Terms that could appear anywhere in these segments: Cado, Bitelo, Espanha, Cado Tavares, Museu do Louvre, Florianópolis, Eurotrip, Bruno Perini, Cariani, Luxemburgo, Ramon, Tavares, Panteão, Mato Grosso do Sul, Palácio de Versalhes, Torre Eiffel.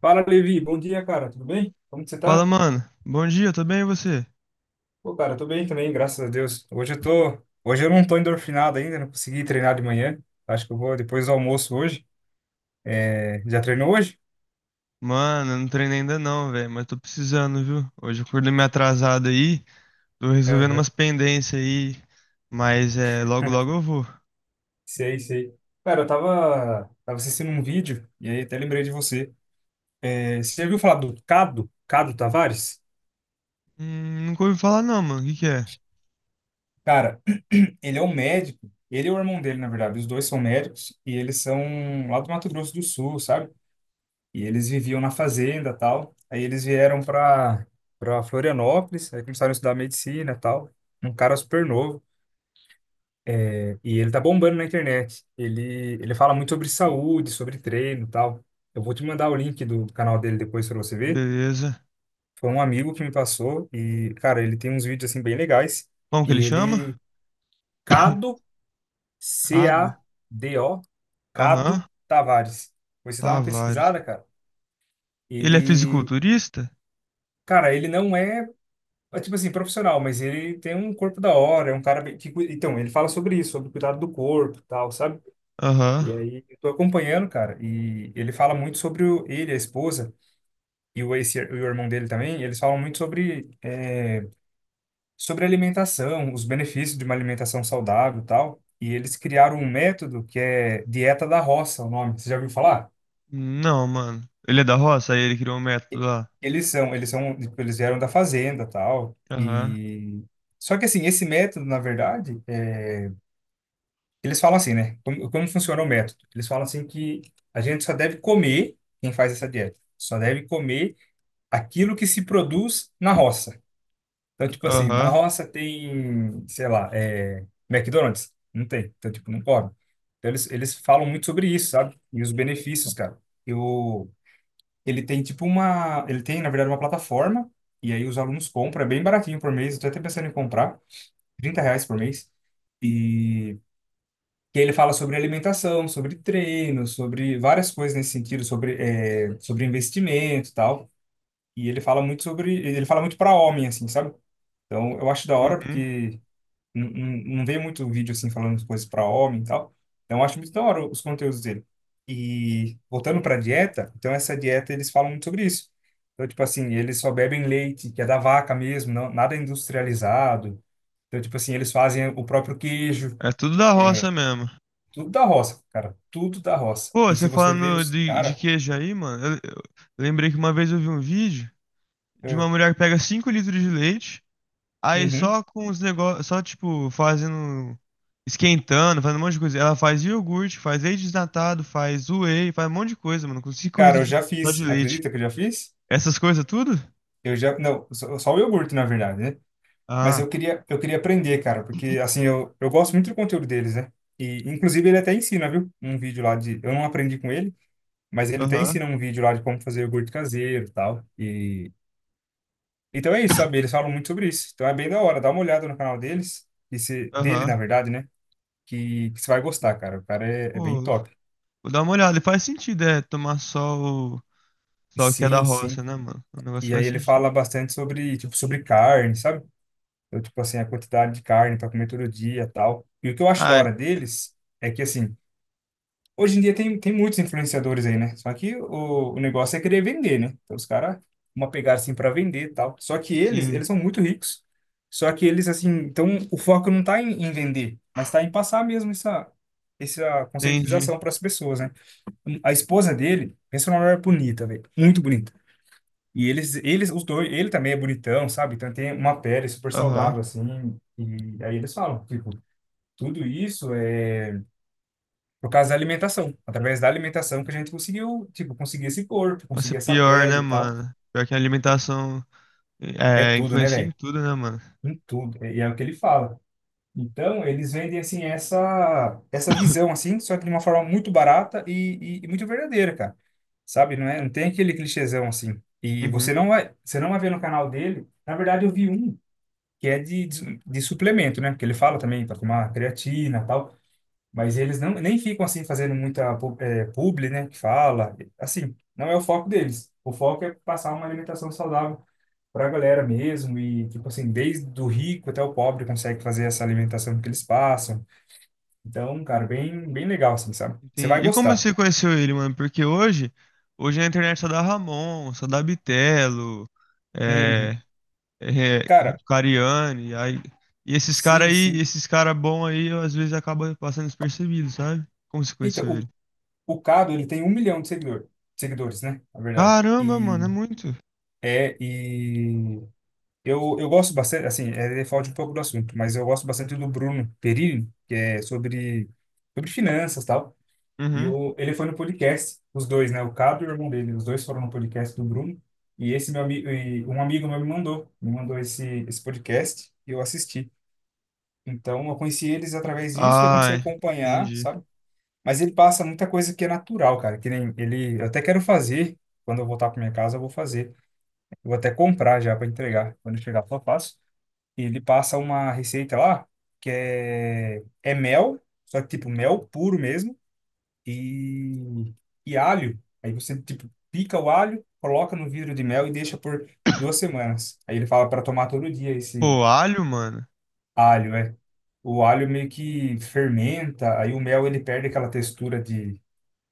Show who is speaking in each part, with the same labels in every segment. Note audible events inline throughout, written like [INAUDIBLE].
Speaker 1: Fala, Levi. Bom dia, cara. Tudo bem? Como que você
Speaker 2: Fala,
Speaker 1: tá?
Speaker 2: mano. Bom dia, tudo bem e você?
Speaker 1: Pô, cara, eu tô bem também, graças a Deus. Hoje eu tô... Hoje eu não tô endorfinado ainda, não consegui treinar de manhã. Acho que eu vou depois do almoço hoje. É, já treinou hoje?
Speaker 2: Mano, eu não treinei ainda não, velho, mas tô precisando, viu? Hoje eu acordei meio atrasado aí, tô resolvendo umas
Speaker 1: Aham.
Speaker 2: pendências aí, mas é, logo logo
Speaker 1: [LAUGHS]
Speaker 2: eu vou.
Speaker 1: Sei, sei. Cara, eu tava... tava assistindo um vídeo e aí até lembrei de você. É, você já viu falar do Cado? Cado Tavares?
Speaker 2: Nunca ouvi falar não, mano. O que que é?
Speaker 1: Cara, [CLEARS THROAT] ele é um médico. Ele e o irmão dele, na verdade. Os dois são médicos e eles são lá do Mato Grosso do Sul, sabe? E eles viviam na fazenda, tal. Aí eles vieram para Florianópolis, aí começaram a estudar medicina, tal. Um cara super novo e ele tá bombando na internet. Ele fala muito sobre saúde, sobre treino, tal. Eu vou te mandar o link do canal dele depois para você ver.
Speaker 2: Beleza.
Speaker 1: Foi um amigo que me passou e, cara, ele tem uns vídeos assim bem legais.
Speaker 2: Como que
Speaker 1: E
Speaker 2: ele chama?
Speaker 1: ele
Speaker 2: [COUGHS]
Speaker 1: Cado, C
Speaker 2: Cado.
Speaker 1: A D O,
Speaker 2: Aham.
Speaker 1: Cado Tavares. Você dá uma
Speaker 2: Tavares.
Speaker 1: pesquisada, cara.
Speaker 2: Ele é
Speaker 1: Ele,
Speaker 2: fisiculturista?
Speaker 1: cara, ele não é. É tipo assim, profissional, mas ele tem um corpo da hora, é um cara bem- que, cui- então, ele fala sobre isso, sobre o cuidado do corpo, e tal, sabe? E
Speaker 2: Aham.
Speaker 1: aí eu tô acompanhando, cara, e ele fala muito sobre o, ele, a esposa e o ex, e o irmão dele também, eles falam muito sobre sobre alimentação, os benefícios de uma alimentação saudável, e tal. E eles criaram um método que é dieta da roça, o nome. Você já ouviu falar?
Speaker 2: Não, mano. Ele é da roça? Aí ele criou um método lá.
Speaker 1: Eles são, tipo, eles vieram da fazenda, tal,
Speaker 2: Aham.
Speaker 1: e só que assim, esse método, na verdade, é, eles falam assim, né? Como, como funciona o método? Eles falam assim que a gente só deve comer, quem faz essa dieta, só deve comer aquilo que se produz na roça. Então, tipo assim, na
Speaker 2: Aham.
Speaker 1: roça tem, sei lá, McDonald's? Não tem. Então, tipo, não come. Então, eles falam muito sobre isso, sabe? E os benefícios, cara. Eu, ele tem, tipo, uma... Ele tem, na verdade, uma plataforma, e aí os alunos compram, é bem baratinho por mês, eu tô até pensando em comprar, 30 reais por mês. E que ele fala sobre alimentação, sobre treino, sobre várias coisas nesse sentido, sobre, sobre investimento e tal. E ele fala muito sobre, ele fala muito para homem, assim, sabe? Então, eu acho da hora
Speaker 2: Uhum.
Speaker 1: porque não, não vê muito vídeo, assim, falando de coisas para homem e tal. Então, eu acho muito da hora os conteúdos dele. E voltando para dieta, então essa dieta eles falam muito sobre isso. Então, tipo assim, eles só bebem leite, que é da vaca mesmo, não, nada industrializado. Então, tipo assim, eles fazem o próprio queijo,
Speaker 2: É tudo da
Speaker 1: eh,
Speaker 2: roça mesmo.
Speaker 1: tudo da roça, cara. Tudo da roça.
Speaker 2: Pô,
Speaker 1: E
Speaker 2: você
Speaker 1: se você vê
Speaker 2: falando
Speaker 1: os.
Speaker 2: de
Speaker 1: Cara.
Speaker 2: queijo aí, mano, eu lembrei que uma vez eu vi um vídeo de uma
Speaker 1: É,
Speaker 2: mulher que pega 5 litros de leite, aí
Speaker 1: uhum.
Speaker 2: só com os negócios, só tipo, fazendo, esquentando, fazendo um monte de coisa. Ela faz iogurte, faz leite desnatado, faz whey, faz um monte de coisa, mano, com 5
Speaker 1: Cara,
Speaker 2: litros
Speaker 1: eu
Speaker 2: de,
Speaker 1: já
Speaker 2: só
Speaker 1: fiz.
Speaker 2: de leite.
Speaker 1: Acredita que eu já fiz?
Speaker 2: Essas coisas tudo?
Speaker 1: Eu já. Não, só, só o iogurte, na verdade, né? Mas
Speaker 2: Ah,
Speaker 1: eu queria aprender, cara, porque assim, eu gosto muito do conteúdo deles, né? E, inclusive, ele até ensina, viu? Um vídeo lá de. Eu não aprendi com ele, mas ele até
Speaker 2: aham,
Speaker 1: ensina um vídeo lá de como fazer iogurte caseiro e tal. E. Então é isso, sabe? Eles falam muito sobre isso. Então é bem da hora. Dá uma olhada no canal deles. E se, dele,
Speaker 2: aham.
Speaker 1: na verdade, né? Que você vai gostar, cara. O cara é bem
Speaker 2: Pô,
Speaker 1: top.
Speaker 2: vou dar uma olhada, e faz sentido, é, tomar só só o que é da
Speaker 1: Sim, sim.
Speaker 2: roça, né, mano? O negócio
Speaker 1: E aí
Speaker 2: faz
Speaker 1: ele fala
Speaker 2: sentido.
Speaker 1: bastante sobre, tipo, sobre carne, sabe? Então, tipo assim, a quantidade de carne para comer todo dia, tal. E o que eu acho da
Speaker 2: Ah, é,
Speaker 1: hora deles é que assim, hoje em dia tem, tem muitos influenciadores aí, né? Só que o negócio é querer vender, né? Então os caras uma pegada assim para vender, tal. Só que eles,
Speaker 2: sim,
Speaker 1: eles são muito ricos. Só que eles assim, então o foco não tá em, em vender, mas tá em passar mesmo essa essa
Speaker 2: entendi.
Speaker 1: conscientização para as pessoas, né? A esposa dele, pensa numa mulher bonita, velho, muito bonita. E eles, os dois, ele também é bonitão, sabe? Então tem uma pele super
Speaker 2: Aham.
Speaker 1: saudável, assim. E aí eles falam, tipo, tudo isso é por causa da alimentação. Através da alimentação que a gente conseguiu, tipo, conseguir esse corpo,
Speaker 2: Nossa,
Speaker 1: conseguir essa
Speaker 2: pior, né,
Speaker 1: pele e tal.
Speaker 2: mano? Pior que a alimentação
Speaker 1: É
Speaker 2: é,
Speaker 1: tudo, né,
Speaker 2: influencia em
Speaker 1: velho?
Speaker 2: tudo, né, mano?
Speaker 1: Em tudo. E é o que ele fala. Então, eles vendem, assim, essa visão,
Speaker 2: [COUGHS]
Speaker 1: assim, só que de uma forma muito barata e muito verdadeira, cara. Sabe? Não é, não tem aquele clichêzão, assim. E
Speaker 2: Uhum.
Speaker 1: você não vai ver no canal dele. Na verdade, eu vi um. Que é de, de suplemento, né? Porque ele fala também para tomar creatina e tal, mas eles não nem ficam assim fazendo muita pu- publi, né? Que fala, assim, não é o foco deles. O foco é passar uma alimentação saudável para a galera mesmo e tipo assim, desde o rico até o pobre consegue fazer essa alimentação que eles passam. Então, cara, bem legal assim, sabe? Você vai
Speaker 2: Entendi. E como
Speaker 1: gostar.
Speaker 2: você conheceu ele, mano? Porque hoje a internet só dá Ramon, só dá Bitelo, é,
Speaker 1: Uhum.
Speaker 2: é, é,
Speaker 1: Cara,
Speaker 2: Cariani, aí, e esses caras
Speaker 1: sim,
Speaker 2: aí,
Speaker 1: sim.
Speaker 2: esses caras bons aí, às vezes acaba passando despercebido, sabe? Como você
Speaker 1: Então,
Speaker 2: conheceu ele?
Speaker 1: o Cado, ele tem 1 milhão de seguidor, seguidores, né? Na verdade.
Speaker 2: Caramba,
Speaker 1: E
Speaker 2: mano, é muito.
Speaker 1: é, e eu gosto bastante, assim, é falta um pouco do assunto, mas eu gosto bastante do Bruno Perini, que é sobre, sobre finanças e tal. E
Speaker 2: Uhum.
Speaker 1: o, ele foi no podcast, os dois, né? O Cabo e o irmão dele, os dois foram no podcast do Bruno. E esse meu amigo, e um amigo meu me mandou esse, esse podcast e eu assisti. Então eu conheci eles através disso e eu comecei a
Speaker 2: Ai,
Speaker 1: acompanhar,
Speaker 2: entendi.
Speaker 1: sabe? Mas ele passa muita coisa que é natural, cara, que nem ele, eu até quero fazer, quando eu voltar para minha casa, eu vou fazer. Eu vou até comprar já para entregar, quando eu chegar, só faço. Ele passa uma receita lá que é, é mel, só que tipo mel puro mesmo, e, e alho. Aí você tipo pica o alho, coloca no vidro de mel e deixa por 2 semanas. Aí ele fala para tomar todo dia esse
Speaker 2: Pô, alho, mano.
Speaker 1: alho, é. O alho meio que fermenta, aí o mel ele perde aquela textura de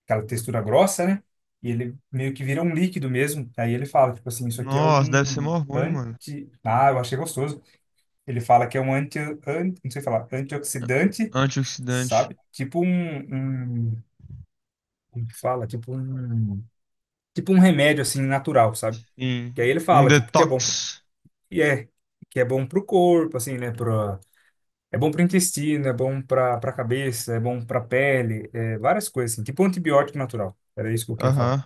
Speaker 1: aquela textura grossa, né? E ele meio que vira um líquido mesmo. Aí ele fala, tipo assim, isso aqui é
Speaker 2: Nossa, deve ser
Speaker 1: um
Speaker 2: mó ruim, mano.
Speaker 1: anti... Ah, eu achei gostoso. Ele fala que é um anti, an- não sei falar, antioxidante,
Speaker 2: Antioxidante.
Speaker 1: sabe? Tipo um, um, como que fala? Tipo um remédio assim natural, sabe? Que aí
Speaker 2: Sim.
Speaker 1: ele
Speaker 2: Um
Speaker 1: fala tipo que é bom pro-
Speaker 2: detox.
Speaker 1: e é que é bom pro corpo, assim, né, pro é bom pro intestino, é bom pra para cabeça, é bom pra pele, é várias coisas assim, tipo um antibiótico natural. Era isso que eu queria falar.
Speaker 2: Aham.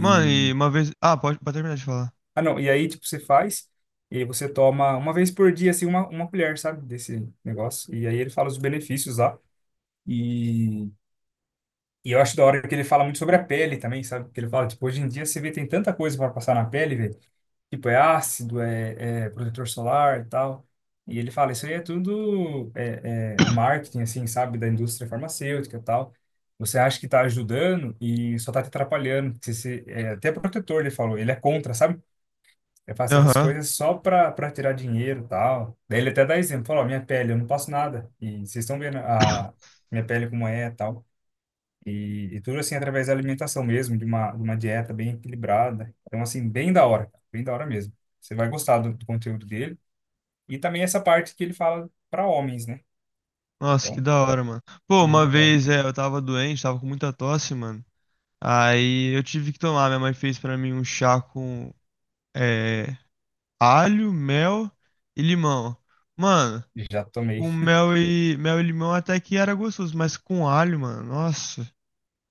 Speaker 2: Mano, e uma vez. Ah, pode, terminar de falar.
Speaker 1: ah não, e aí tipo você faz e aí você toma uma vez por dia assim uma colher, sabe, desse negócio. E aí ele fala os benefícios lá. E e eu acho da hora que ele fala muito sobre a pele também, sabe? Que ele fala, tipo, hoje em dia você vê tem tanta coisa para passar na pele, velho. Tipo, é ácido, é protetor solar e tal. E ele fala, isso aí é tudo é marketing, assim, sabe? Da indústria farmacêutica e tal. Você acha que tá ajudando e só tá te atrapalhando. Você, se- até protetor, ele falou, ele é contra, sabe? É fazer essas
Speaker 2: Aham.
Speaker 1: coisas só pra, pra tirar dinheiro e tal. Daí ele até dá exemplo, falou, ó, minha pele, eu não passo nada. E vocês estão vendo a minha pele como é e tal. E tudo assim através da alimentação mesmo, de uma dieta bem equilibrada. Então, assim, bem da hora, cara, bem da hora mesmo. Você vai gostar do, do conteúdo dele. E também essa parte que ele fala para homens, né?
Speaker 2: Nossa, que
Speaker 1: Então,
Speaker 2: da hora, mano. Pô,
Speaker 1: bem
Speaker 2: uma
Speaker 1: legal.
Speaker 2: vez é, eu tava doente, tava com muita tosse, mano. Aí eu tive que tomar. Minha mãe fez pra mim um chá com é, alho, mel e limão. Mano,
Speaker 1: Já tomei.
Speaker 2: com mel mel e limão até que era gostoso, mas com alho, mano. Nossa,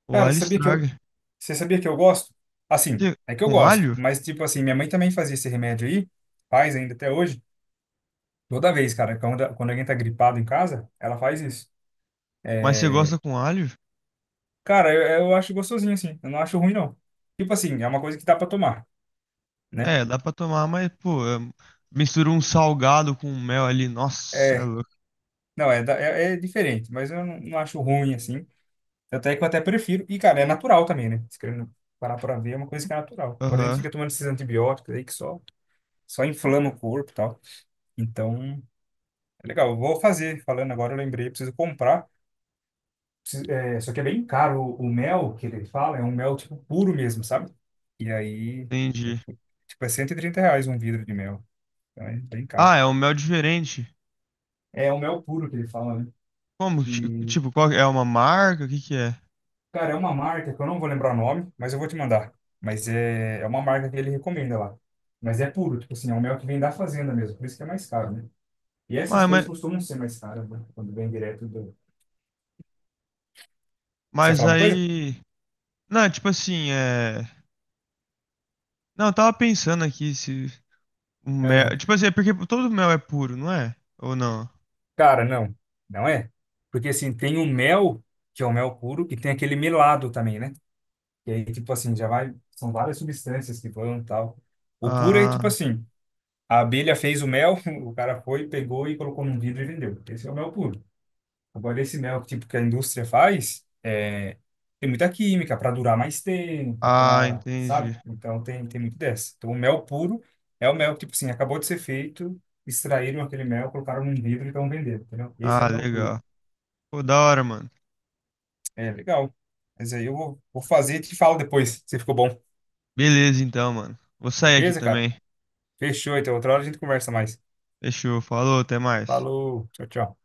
Speaker 2: o
Speaker 1: Cara,
Speaker 2: alho
Speaker 1: sabia que eu,
Speaker 2: estraga.
Speaker 1: você sabia que eu gosto? Assim,
Speaker 2: Você-
Speaker 1: é que eu
Speaker 2: Com
Speaker 1: gosto,
Speaker 2: alho?
Speaker 1: mas tipo assim, minha mãe também fazia esse remédio aí, faz ainda até hoje. Toda vez, cara, quando, quando alguém tá gripado em casa, ela faz isso.
Speaker 2: Mas você
Speaker 1: É,
Speaker 2: gosta com alho?
Speaker 1: cara, eu acho gostosinho assim, eu não acho ruim não. Tipo assim, é uma coisa que dá para tomar, né?
Speaker 2: É, dá pra tomar, mas, pô, é- mistura um salgado com mel ali. Nossa, é
Speaker 1: É,
Speaker 2: louco.
Speaker 1: não, é, da- é, é diferente, mas eu não, não acho ruim assim. Até que eu até prefiro. E, cara, é natural também, né? Se querendo parar pra ver, é uma coisa que é natural. Agora a gente
Speaker 2: Aham,
Speaker 1: fica tomando esses antibióticos aí que só, só inflama o corpo e tal. Então, é legal. Eu vou fazer. Falando agora, eu lembrei, preciso comprar. Preciso- só que é bem caro o mel que ele fala, é um mel tipo puro mesmo, sabe? E aí, eu
Speaker 2: entendi.
Speaker 1: fui- tipo, é 130 reais um vidro de mel. Então é bem caro.
Speaker 2: Ah, é um mel diferente.
Speaker 1: É o mel puro que ele fala,
Speaker 2: Como? Ti-
Speaker 1: né?
Speaker 2: Tipo, qual é? É uma marca? O que que é?
Speaker 1: Cara, é uma marca que eu não vou lembrar o nome, mas eu vou te mandar. Mas é, é uma marca que ele recomenda lá. Mas é puro, tipo assim, é um mel que vem da fazenda mesmo, por isso que é mais caro, né? E essas
Speaker 2: Ué,
Speaker 1: coisas costumam ser mais caras, né? Quando vem direto do... Você ia
Speaker 2: mas
Speaker 1: falar uma coisa?
Speaker 2: aí. Não, é tipo assim, é. Não, eu tava pensando aqui se. Um
Speaker 1: Aham.
Speaker 2: mel. Tipo assim, é porque todo mel é puro, não é? Ou não?
Speaker 1: Cara, não. Não é. Porque assim, tem o mel, que é o mel puro, e tem aquele melado também, né? E aí, tipo assim, já vai... São várias substâncias que vão e tal. O puro é
Speaker 2: Ah,
Speaker 1: tipo assim, a abelha fez o mel, [LAUGHS] o cara foi, pegou e colocou num vidro e vendeu. Esse é o mel puro. Agora, esse mel tipo, que a indústria faz, tem muita química para durar mais tempo,
Speaker 2: ah,
Speaker 1: para,
Speaker 2: entendi.
Speaker 1: sabe? Então, tem, tem muito dessa. Então, o mel puro é o mel que, tipo assim, acabou de ser feito, extraíram aquele mel, colocaram num vidro e estão vendendo, entendeu? Esse é
Speaker 2: Ah,
Speaker 1: o mel puro.
Speaker 2: legal. Pô, da hora, mano.
Speaker 1: É, legal. Mas aí eu vou, vou fazer e te falo depois se ficou bom.
Speaker 2: Beleza, então, mano. Vou sair aqui
Speaker 1: Beleza, cara?
Speaker 2: também.
Speaker 1: Fechou, então. Outra hora a gente conversa mais.
Speaker 2: Fechou, falou, até mais.
Speaker 1: Falou, tchau, tchau.